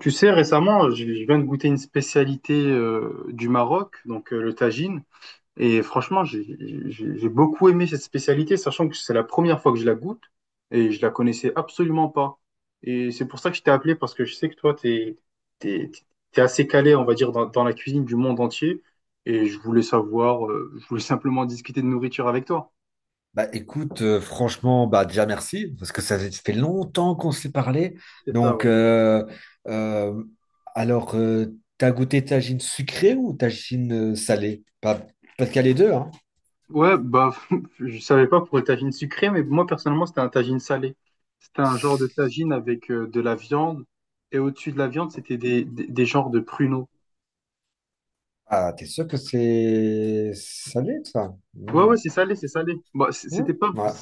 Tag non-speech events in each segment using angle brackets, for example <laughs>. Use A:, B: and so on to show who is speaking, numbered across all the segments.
A: Tu sais, récemment, je viens de goûter une spécialité du Maroc, donc le tagine. Et franchement, j'ai beaucoup aimé cette spécialité, sachant que c'est la première fois que je la goûte et je la connaissais absolument pas. Et c'est pour ça que je t'ai appelé, parce que je sais que toi, t'es, t'es assez calé, on va dire, dans la cuisine du monde entier. Et je voulais savoir, je voulais simplement discuter de nourriture avec toi.
B: Bah écoute, franchement, bah déjà merci, parce que ça fait longtemps qu'on s'est parlé.
A: C'est ça,
B: Donc,
A: ouais.
B: euh, alors, t'as goûté tagine sucrée ou tagine salée? Pas qu'il y a les deux, hein?
A: Ouais, bah, <laughs> je savais pas pour le tagine sucré, mais moi personnellement, c'était un tagine salé. C'était un genre de tagine avec de la viande, et au-dessus de la viande, c'était des genres de pruneaux.
B: Ah, t'es sûr que c'est salé, ça?
A: Ouais,
B: Mm.
A: ouais, c'est salé, c'est salé. Bah,
B: Ouais.
A: c'était pas,
B: Ouais.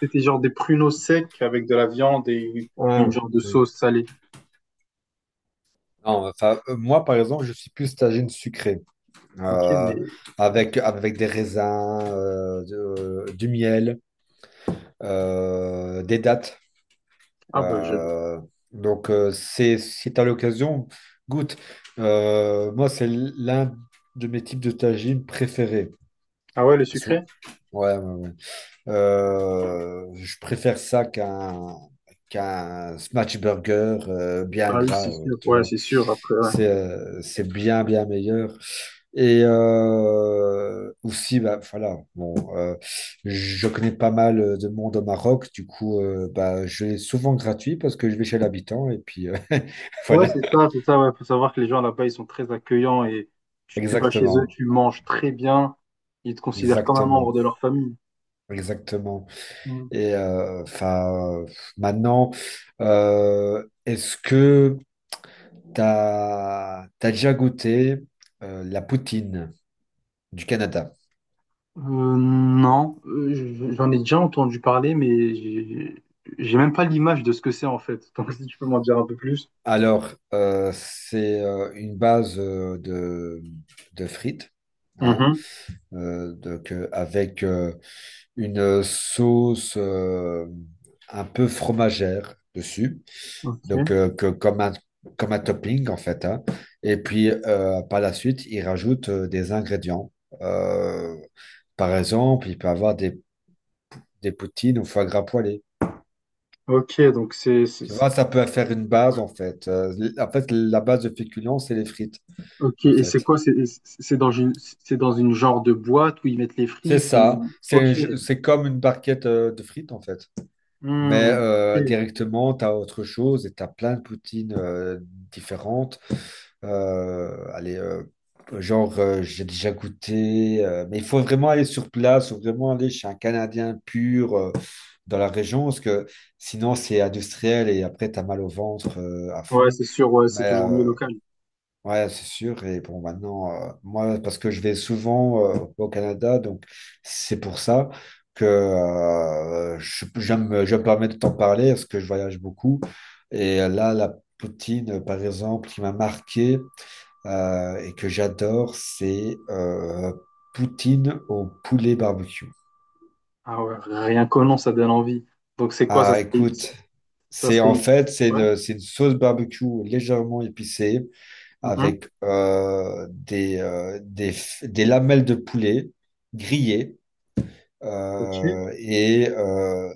A: c'était genre des pruneaux secs avec de la viande et
B: Ouais.
A: une genre de
B: Mm.
A: sauce salée.
B: Non, enfin, moi, par exemple, je suis plus tagine sucrée,
A: Ok,
B: euh,
A: mais ok.
B: avec des raisins, du miel, des dattes.
A: ah bah je,
B: Euh, donc, si tu as l'occasion, goûte. Moi, c'est l'un de mes types de tagine préférés.
A: ah ouais, le
B: Sou-
A: sucré?
B: Ouais, ouais, ouais. Je préfère ça qu'un smash burger bien
A: Ah oui,
B: gras,
A: c'est sûr.
B: tu
A: Ouais,
B: vois.
A: c'est sûr. Après, ouais.
B: C'est bien, bien meilleur. Et aussi, bah, voilà, bon, je connais pas mal de monde au Maroc, du coup, bah, je l'ai souvent gratuit parce que je vais chez l'habitant, et puis <laughs>
A: Ouais,
B: voilà,
A: c'est ça, ouais. Faut savoir que les gens là-bas, ils sont très accueillants et tu vas chez eux,
B: exactement,
A: tu manges très bien. Ils te considèrent comme un membre
B: exactement,
A: de leur famille.
B: exactement.
A: Mm.
B: Et enfin, maintenant, est-ce que t'as déjà goûté la poutine du Canada?
A: Non, j'en ai déjà entendu parler, mais j'ai même pas l'image de ce que c'est en fait. <laughs> Donc si tu peux m'en dire un peu plus.
B: Alors, c'est une base de frites, hein,
A: Mhm.
B: donc, avec une sauce un peu fromagère dessus, donc
A: Ok.
B: comme un topping en fait, hein. Et puis, par la suite, il rajoute des ingrédients. Euh, Par exemple, il peut avoir des poutines ou foie gras poêlé.
A: Ok, donc
B: Tu
A: c'est-
B: vois, ça peut faire une base
A: ouais.
B: en fait. En fait, la base de féculents, c'est les frites
A: Ok,
B: en
A: et c'est
B: fait.
A: quoi? C'est dans une c'est dans une genre de boîte où ils mettent les
B: C'est
A: frites. Et-
B: ça.
A: Ok.
B: C'est comme une barquette de frites, en fait. Mais
A: Hmm, ok.
B: directement, tu as autre chose et tu as plein de poutines différentes. Allez, genre, j'ai déjà goûté, mais il faut vraiment aller sur place, faut vraiment aller chez un Canadien pur dans la région, parce que sinon, c'est industriel et après, tu as mal au ventre à
A: Ouais,
B: fond.
A: c'est sûr. Ouais, c'est
B: Mais
A: toujours mieux local.
B: ouais, c'est sûr. Et bon, maintenant, moi, parce que je vais souvent au Canada, donc c'est pour ça que je me permets de t'en parler parce que je voyage beaucoup. Et là, la poutine, par exemple, qui m'a marqué et que j'adore, c'est poutine au poulet barbecue.
A: Ah ouais, rien qu'au nom, ça donne envie. Donc c'est quoi, ça
B: Ah,
A: serait,
B: écoute,
A: ça
B: c'est
A: serait
B: en
A: une.
B: fait,
A: Ouais.
B: c'est une sauce barbecue légèrement épicée
A: Mhm,
B: avec des lamelles de poulet grillées,
A: ok. Ouais,
B: euh, et euh,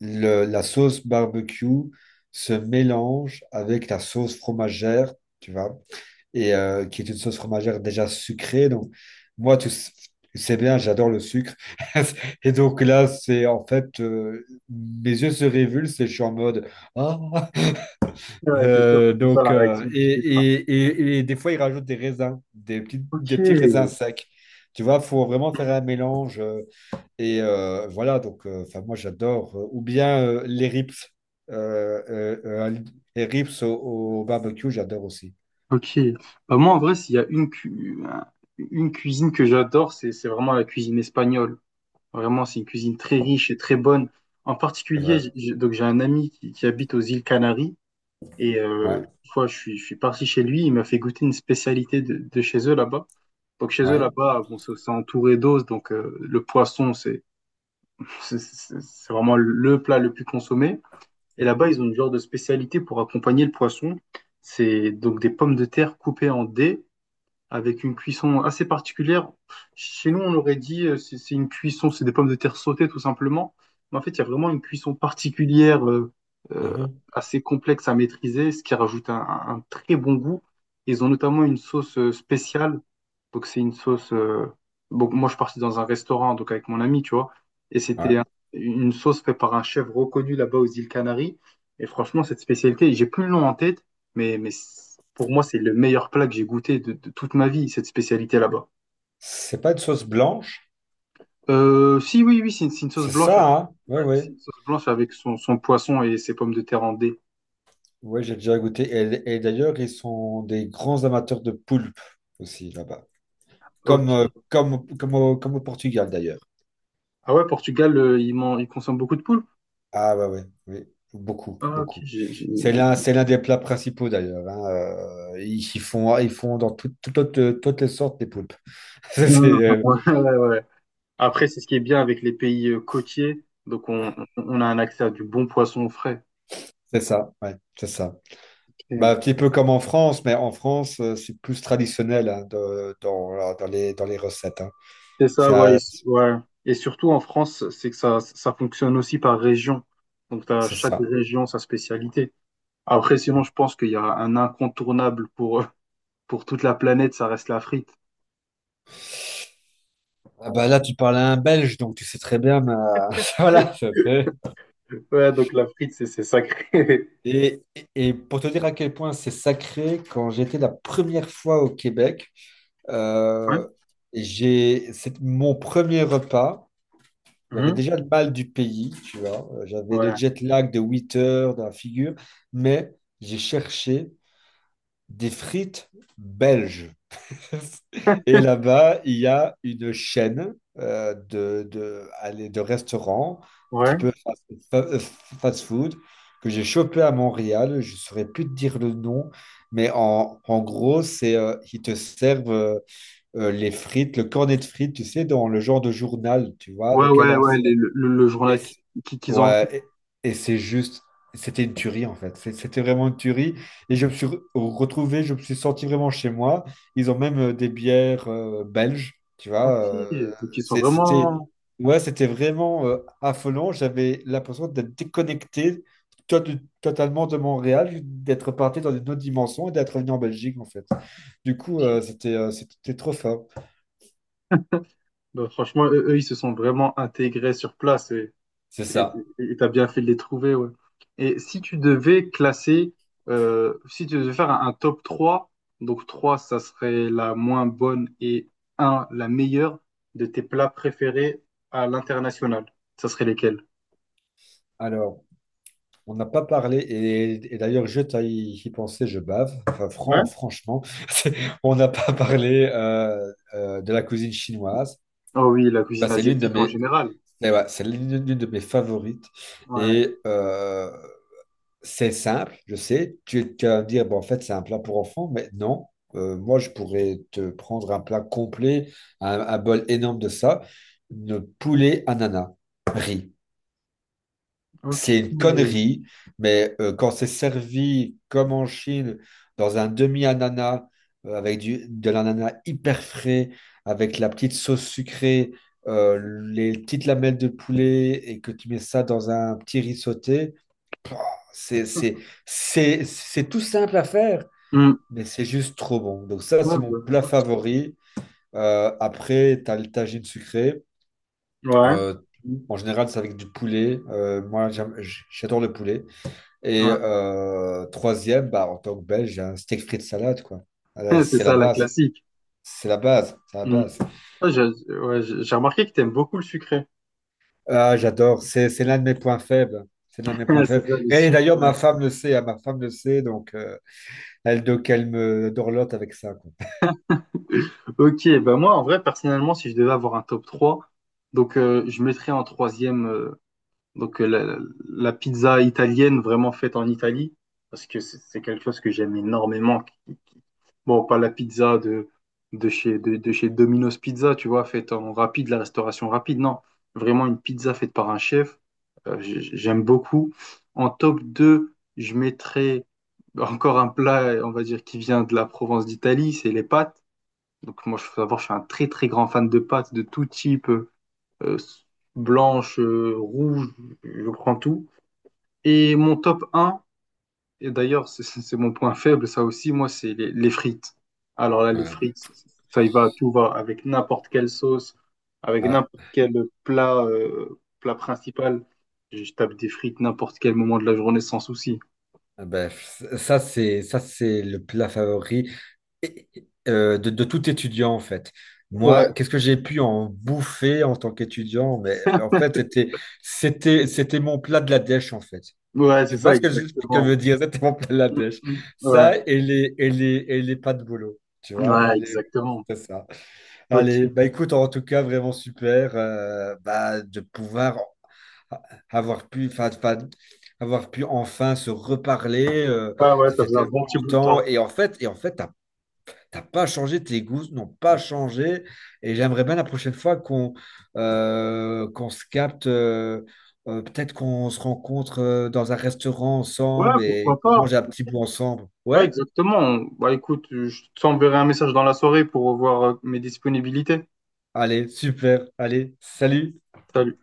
B: la sauce barbecue se mélange avec la sauce fromagère, tu vois, qui est une sauce fromagère déjà sucrée. Donc, moi, tu sais bien, j'adore le sucre. <laughs> Et donc là, mes yeux se révulsent et je suis en mode, ah,
A: ouais, c'est sûr, c'est ça
B: donc,
A: la réaction du spectre.
B: et, et des fois, ils rajoutent des raisins, des petits,
A: Ok.
B: des petits raisins
A: Mm.
B: secs. Tu vois, il faut vraiment faire un mélange. Et voilà, donc, enfin, moi, j'adore. Ou bien les rips. Euh, euh, euh, les rips au barbecue, j'adore aussi.
A: Ok. Bah, moi, en vrai, s'il y a une, une cuisine que j'adore, c'est vraiment la cuisine espagnole. Vraiment, c'est une cuisine très riche et très bonne. En
B: C'est
A: particulier,
B: vrai.
A: j'ai un ami qui habite aux îles Canaries. Et
B: Ouais,
A: une fois, je suis parti chez lui, il m'a fait goûter une spécialité de chez eux là-bas. Donc chez eux
B: ouais.
A: là-bas, bon, c'est entouré d'os, donc le poisson, c'est vraiment le plat le plus consommé. Et là-bas, ils ont une genre de spécialité pour accompagner le poisson. C'est donc des pommes de terre coupées en dés avec une cuisson assez particulière. Chez nous, on aurait dit c'est une cuisson, c'est des pommes de terre sautées tout simplement. Mais en fait, il y a vraiment une cuisson particulière euh,
B: Mhm.
A: assez complexe à maîtriser, ce qui rajoute un très bon goût. Ils ont notamment une sauce spéciale. Donc c'est une sauce. Bon, moi, je suis parti dans un restaurant donc avec mon ami, tu vois, et c'était
B: Ouais.
A: une sauce faite par un chef reconnu là-bas aux îles Canaries. Et franchement, cette spécialité, j'ai plus le nom en tête. Mais pour moi, c'est le meilleur plat que j'ai goûté de toute ma vie, cette spécialité là-bas.
B: C'est pas une sauce blanche,
A: Si, oui, oui, c'est une sauce
B: c'est
A: blanche.
B: ça,
A: Avec-
B: hein? Ouais,
A: ouais, c'est
B: ouais.
A: une sauce blanche avec son poisson et ses pommes de terre en dés.
B: Ouais, j'ai déjà goûté. Et d'ailleurs, ils sont des grands amateurs de poulpe aussi là-bas. Comme, euh,
A: Ok.
B: comme, comme, au, comme au Portugal d'ailleurs.
A: Ah ouais, Portugal, ils consomment beaucoup de poules.
B: Ah ouais, ouais, oui, beaucoup,
A: Ah, ok.
B: beaucoup. C'est l'un, c'est l'un des plats principaux d'ailleurs, hein. Ils font dans toutes les sortes des poulpes. <laughs> C'est
A: Ah,
B: euh,
A: ouais, ouais, ouais. Après, c'est ce qui est bien avec les pays côtiers. Donc, on a un accès à du bon poisson frais.
B: c'est ça, ouais, c'est ça. Bah, un
A: Ok.
B: petit peu comme en France, mais en France, c'est plus traditionnel, hein, dans, voilà, dans les recettes, hein.
A: C'est ça,
B: C'est
A: ouais, et-
B: euh,
A: s- ouais. Et surtout en France, c'est que ça fonctionne aussi par région. Donc, tu as
B: c'est
A: chaque
B: ça.
A: région sa spécialité. Après, sinon, je pense qu'il y a un incontournable pour toute la planète, ça reste la frite.
B: Ah bah là, tu parles à un Belge, donc tu sais très bien, mais, <laughs> voilà, ça fait.
A: Ouais, donc la frite, c'est sacré.
B: Et, et pour te dire à quel point c'est sacré, quand j'étais la première fois au Québec,
A: <laughs> Ouais.
B: euh, c'est mon premier repas. J'avais
A: Mhm.
B: déjà le mal du pays, tu vois. J'avais le
A: Ouais,
B: jet lag de 8 heures dans la figure, mais j'ai cherché des frites belges. Et là-bas, il y a une chaîne allez, de restaurants, un petit
A: ouais.
B: peu fast food, que j'ai chopé à Montréal. Je ne saurais plus te dire le nom, mais en gros, ils te servent les frites, le cornet de frites, tu sais, dans le genre de journal, tu vois, de
A: Ouais, ouais, ouais,
B: cadence.
A: le
B: Et
A: journal
B: c-
A: qu'ils ont.
B: ouais, et c'était une tuerie en fait. C'était vraiment une tuerie. Et je me suis retrouvé, je me suis senti vraiment chez moi. Ils ont même des bières belges, tu vois.
A: Ok, donc ils sont
B: C'est- c'était,
A: vraiment.
B: ouais, c'était vraiment affolant. J'avais l'impression d'être déconnecté to- totalement de Montréal, d'être parti dans une autre dimension et d'être revenu en Belgique en fait. Du coup, c'était trop fort.
A: Bah, franchement, eux, ils se sont vraiment intégrés sur place. Et
B: C'est ça.
A: tu as bien fait de les trouver, ouais. Et si tu devais classer, si tu devais faire un top 3, donc 3 ça serait la moins bonne et un la meilleure de tes plats préférés à l'international, ça serait lesquels?
B: Alors. On n'a pas parlé, et d'ailleurs, je t'ai y pensé, je bave. Enfin,
A: Ouais.
B: franchement, <laughs> c'est- on n'a pas parlé de la cuisine chinoise.
A: Oh oui, la
B: Bah,
A: cuisine
B: c'est l'une de
A: asiatique en
B: mes,
A: général.
B: eh ouais, c'est l'une de mes favorites.
A: Ouais.
B: Et c'est simple, je sais. Tu vas me dire, bon, en fait, c'est un plat pour enfants, mais non. Moi, je pourrais te prendre un plat complet, un bol énorme de ça, de poulet ananas, riz.
A: Ok.
B: C'est une
A: Hmm.
B: connerie, mais quand c'est servi comme en Chine, dans un demi-ananas, avec de l'ananas hyper frais, avec la petite sauce sucrée, euh, les petites lamelles de poulet, et que tu mets ça dans un petit riz sauté, pouah, c'est, c'est, c'est tout simple à faire, mais c'est juste trop bon. Donc ça,
A: Ouais,
B: c'est mon
A: bah,
B: plat
A: ok.
B: favori. Après, tu as le tagine sucré.
A: Ouais.
B: Euh, En général, c'est avec du poulet. Moi, j'adore le poulet. Et
A: Ouais.
B: troisième, bah, en tant que Belge, un steak frites salade, quoi.
A: <laughs> C'est
B: C'est la
A: ça, la
B: base.
A: classique.
B: C'est la base. C'est la
A: Hmm.
B: base.
A: Ouais, j'ai ouais, j'ai remarqué que t'aimes beaucoup le sucré.
B: Ah, j'adore. C'est l'un de mes points faibles. C'est l'un de mes points
A: <laughs> C'est
B: faibles.
A: ça, le
B: Et
A: sucre.
B: d'ailleurs, ma
A: Ouais.
B: femme le sait, hein. Ma femme le sait. Donc, elle me dorlote avec ça, quoi.
A: Ok, bah moi en vrai personnellement si je devais avoir un top 3, donc je mettrais en troisième donc euh, la, la pizza italienne vraiment faite en Italie parce que c'est quelque chose que j'aime énormément. Qui- qui- bon, pas la pizza de chez Domino's Pizza, tu vois, faite en rapide, la restauration rapide, non, vraiment une pizza faite par un chef, j'aime beaucoup. En top 2 je mettrais encore un plat, on va dire, qui vient de la Provence d'Italie, c'est les pâtes. Donc moi, je faut savoir, je suis un très très grand fan de pâtes de tout type, euh, blanche, rouge, je prends tout. Et mon top un et d'ailleurs c'est mon point faible, ça aussi, moi, c'est les frites. Alors là, les
B: Ouais.
A: frites, ça y va, tout va, avec n'importe quelle sauce, avec
B: Ouais.
A: n'importe quel plat, plat principal. Je tape des frites n'importe quel moment de la journée sans souci.
B: Ah ben, ça, c'est le plat favori et de tout étudiant, en fait.
A: Ouais,
B: Moi, qu'est-ce que j'ai pu en bouffer en tant qu'étudiant? Mais en
A: <laughs>
B: fait, c'était mon plat de la dèche, en fait.
A: ouais, c'est
B: Tu vois
A: ça,
B: ce que je veux
A: exactement.
B: dire? C'était mon plat de la
A: Mm,
B: dèche.
A: mm, ouais,
B: Ça et les pas de boulot, tu vois?
A: ouais,
B: Voilà,
A: exactement.
B: c'était ça. Allez,
A: Ok.
B: bah écoute, en tout cas, vraiment super bah, de pouvoir avoir pu, avoir pu enfin se reparler.
A: Ouais, ouais,
B: Ça
A: ça
B: fait
A: faisait un bon
B: tellement
A: petit bout de
B: longtemps.
A: temps.
B: Et en fait, t'as pas changé, tes goûts n'ont pas changé. Et j'aimerais bien la prochaine fois qu'on se capte, peut-être qu'on se rencontre dans un restaurant
A: Ouais,
B: ensemble et
A: pourquoi
B: qu'on
A: pas?
B: mange un petit bout ensemble.
A: Ouais,
B: Ouais?
A: exactement. Bah écoute, je t'enverrai un message dans la soirée pour voir mes disponibilités.
B: Allez, super. Allez, salut.
A: Salut.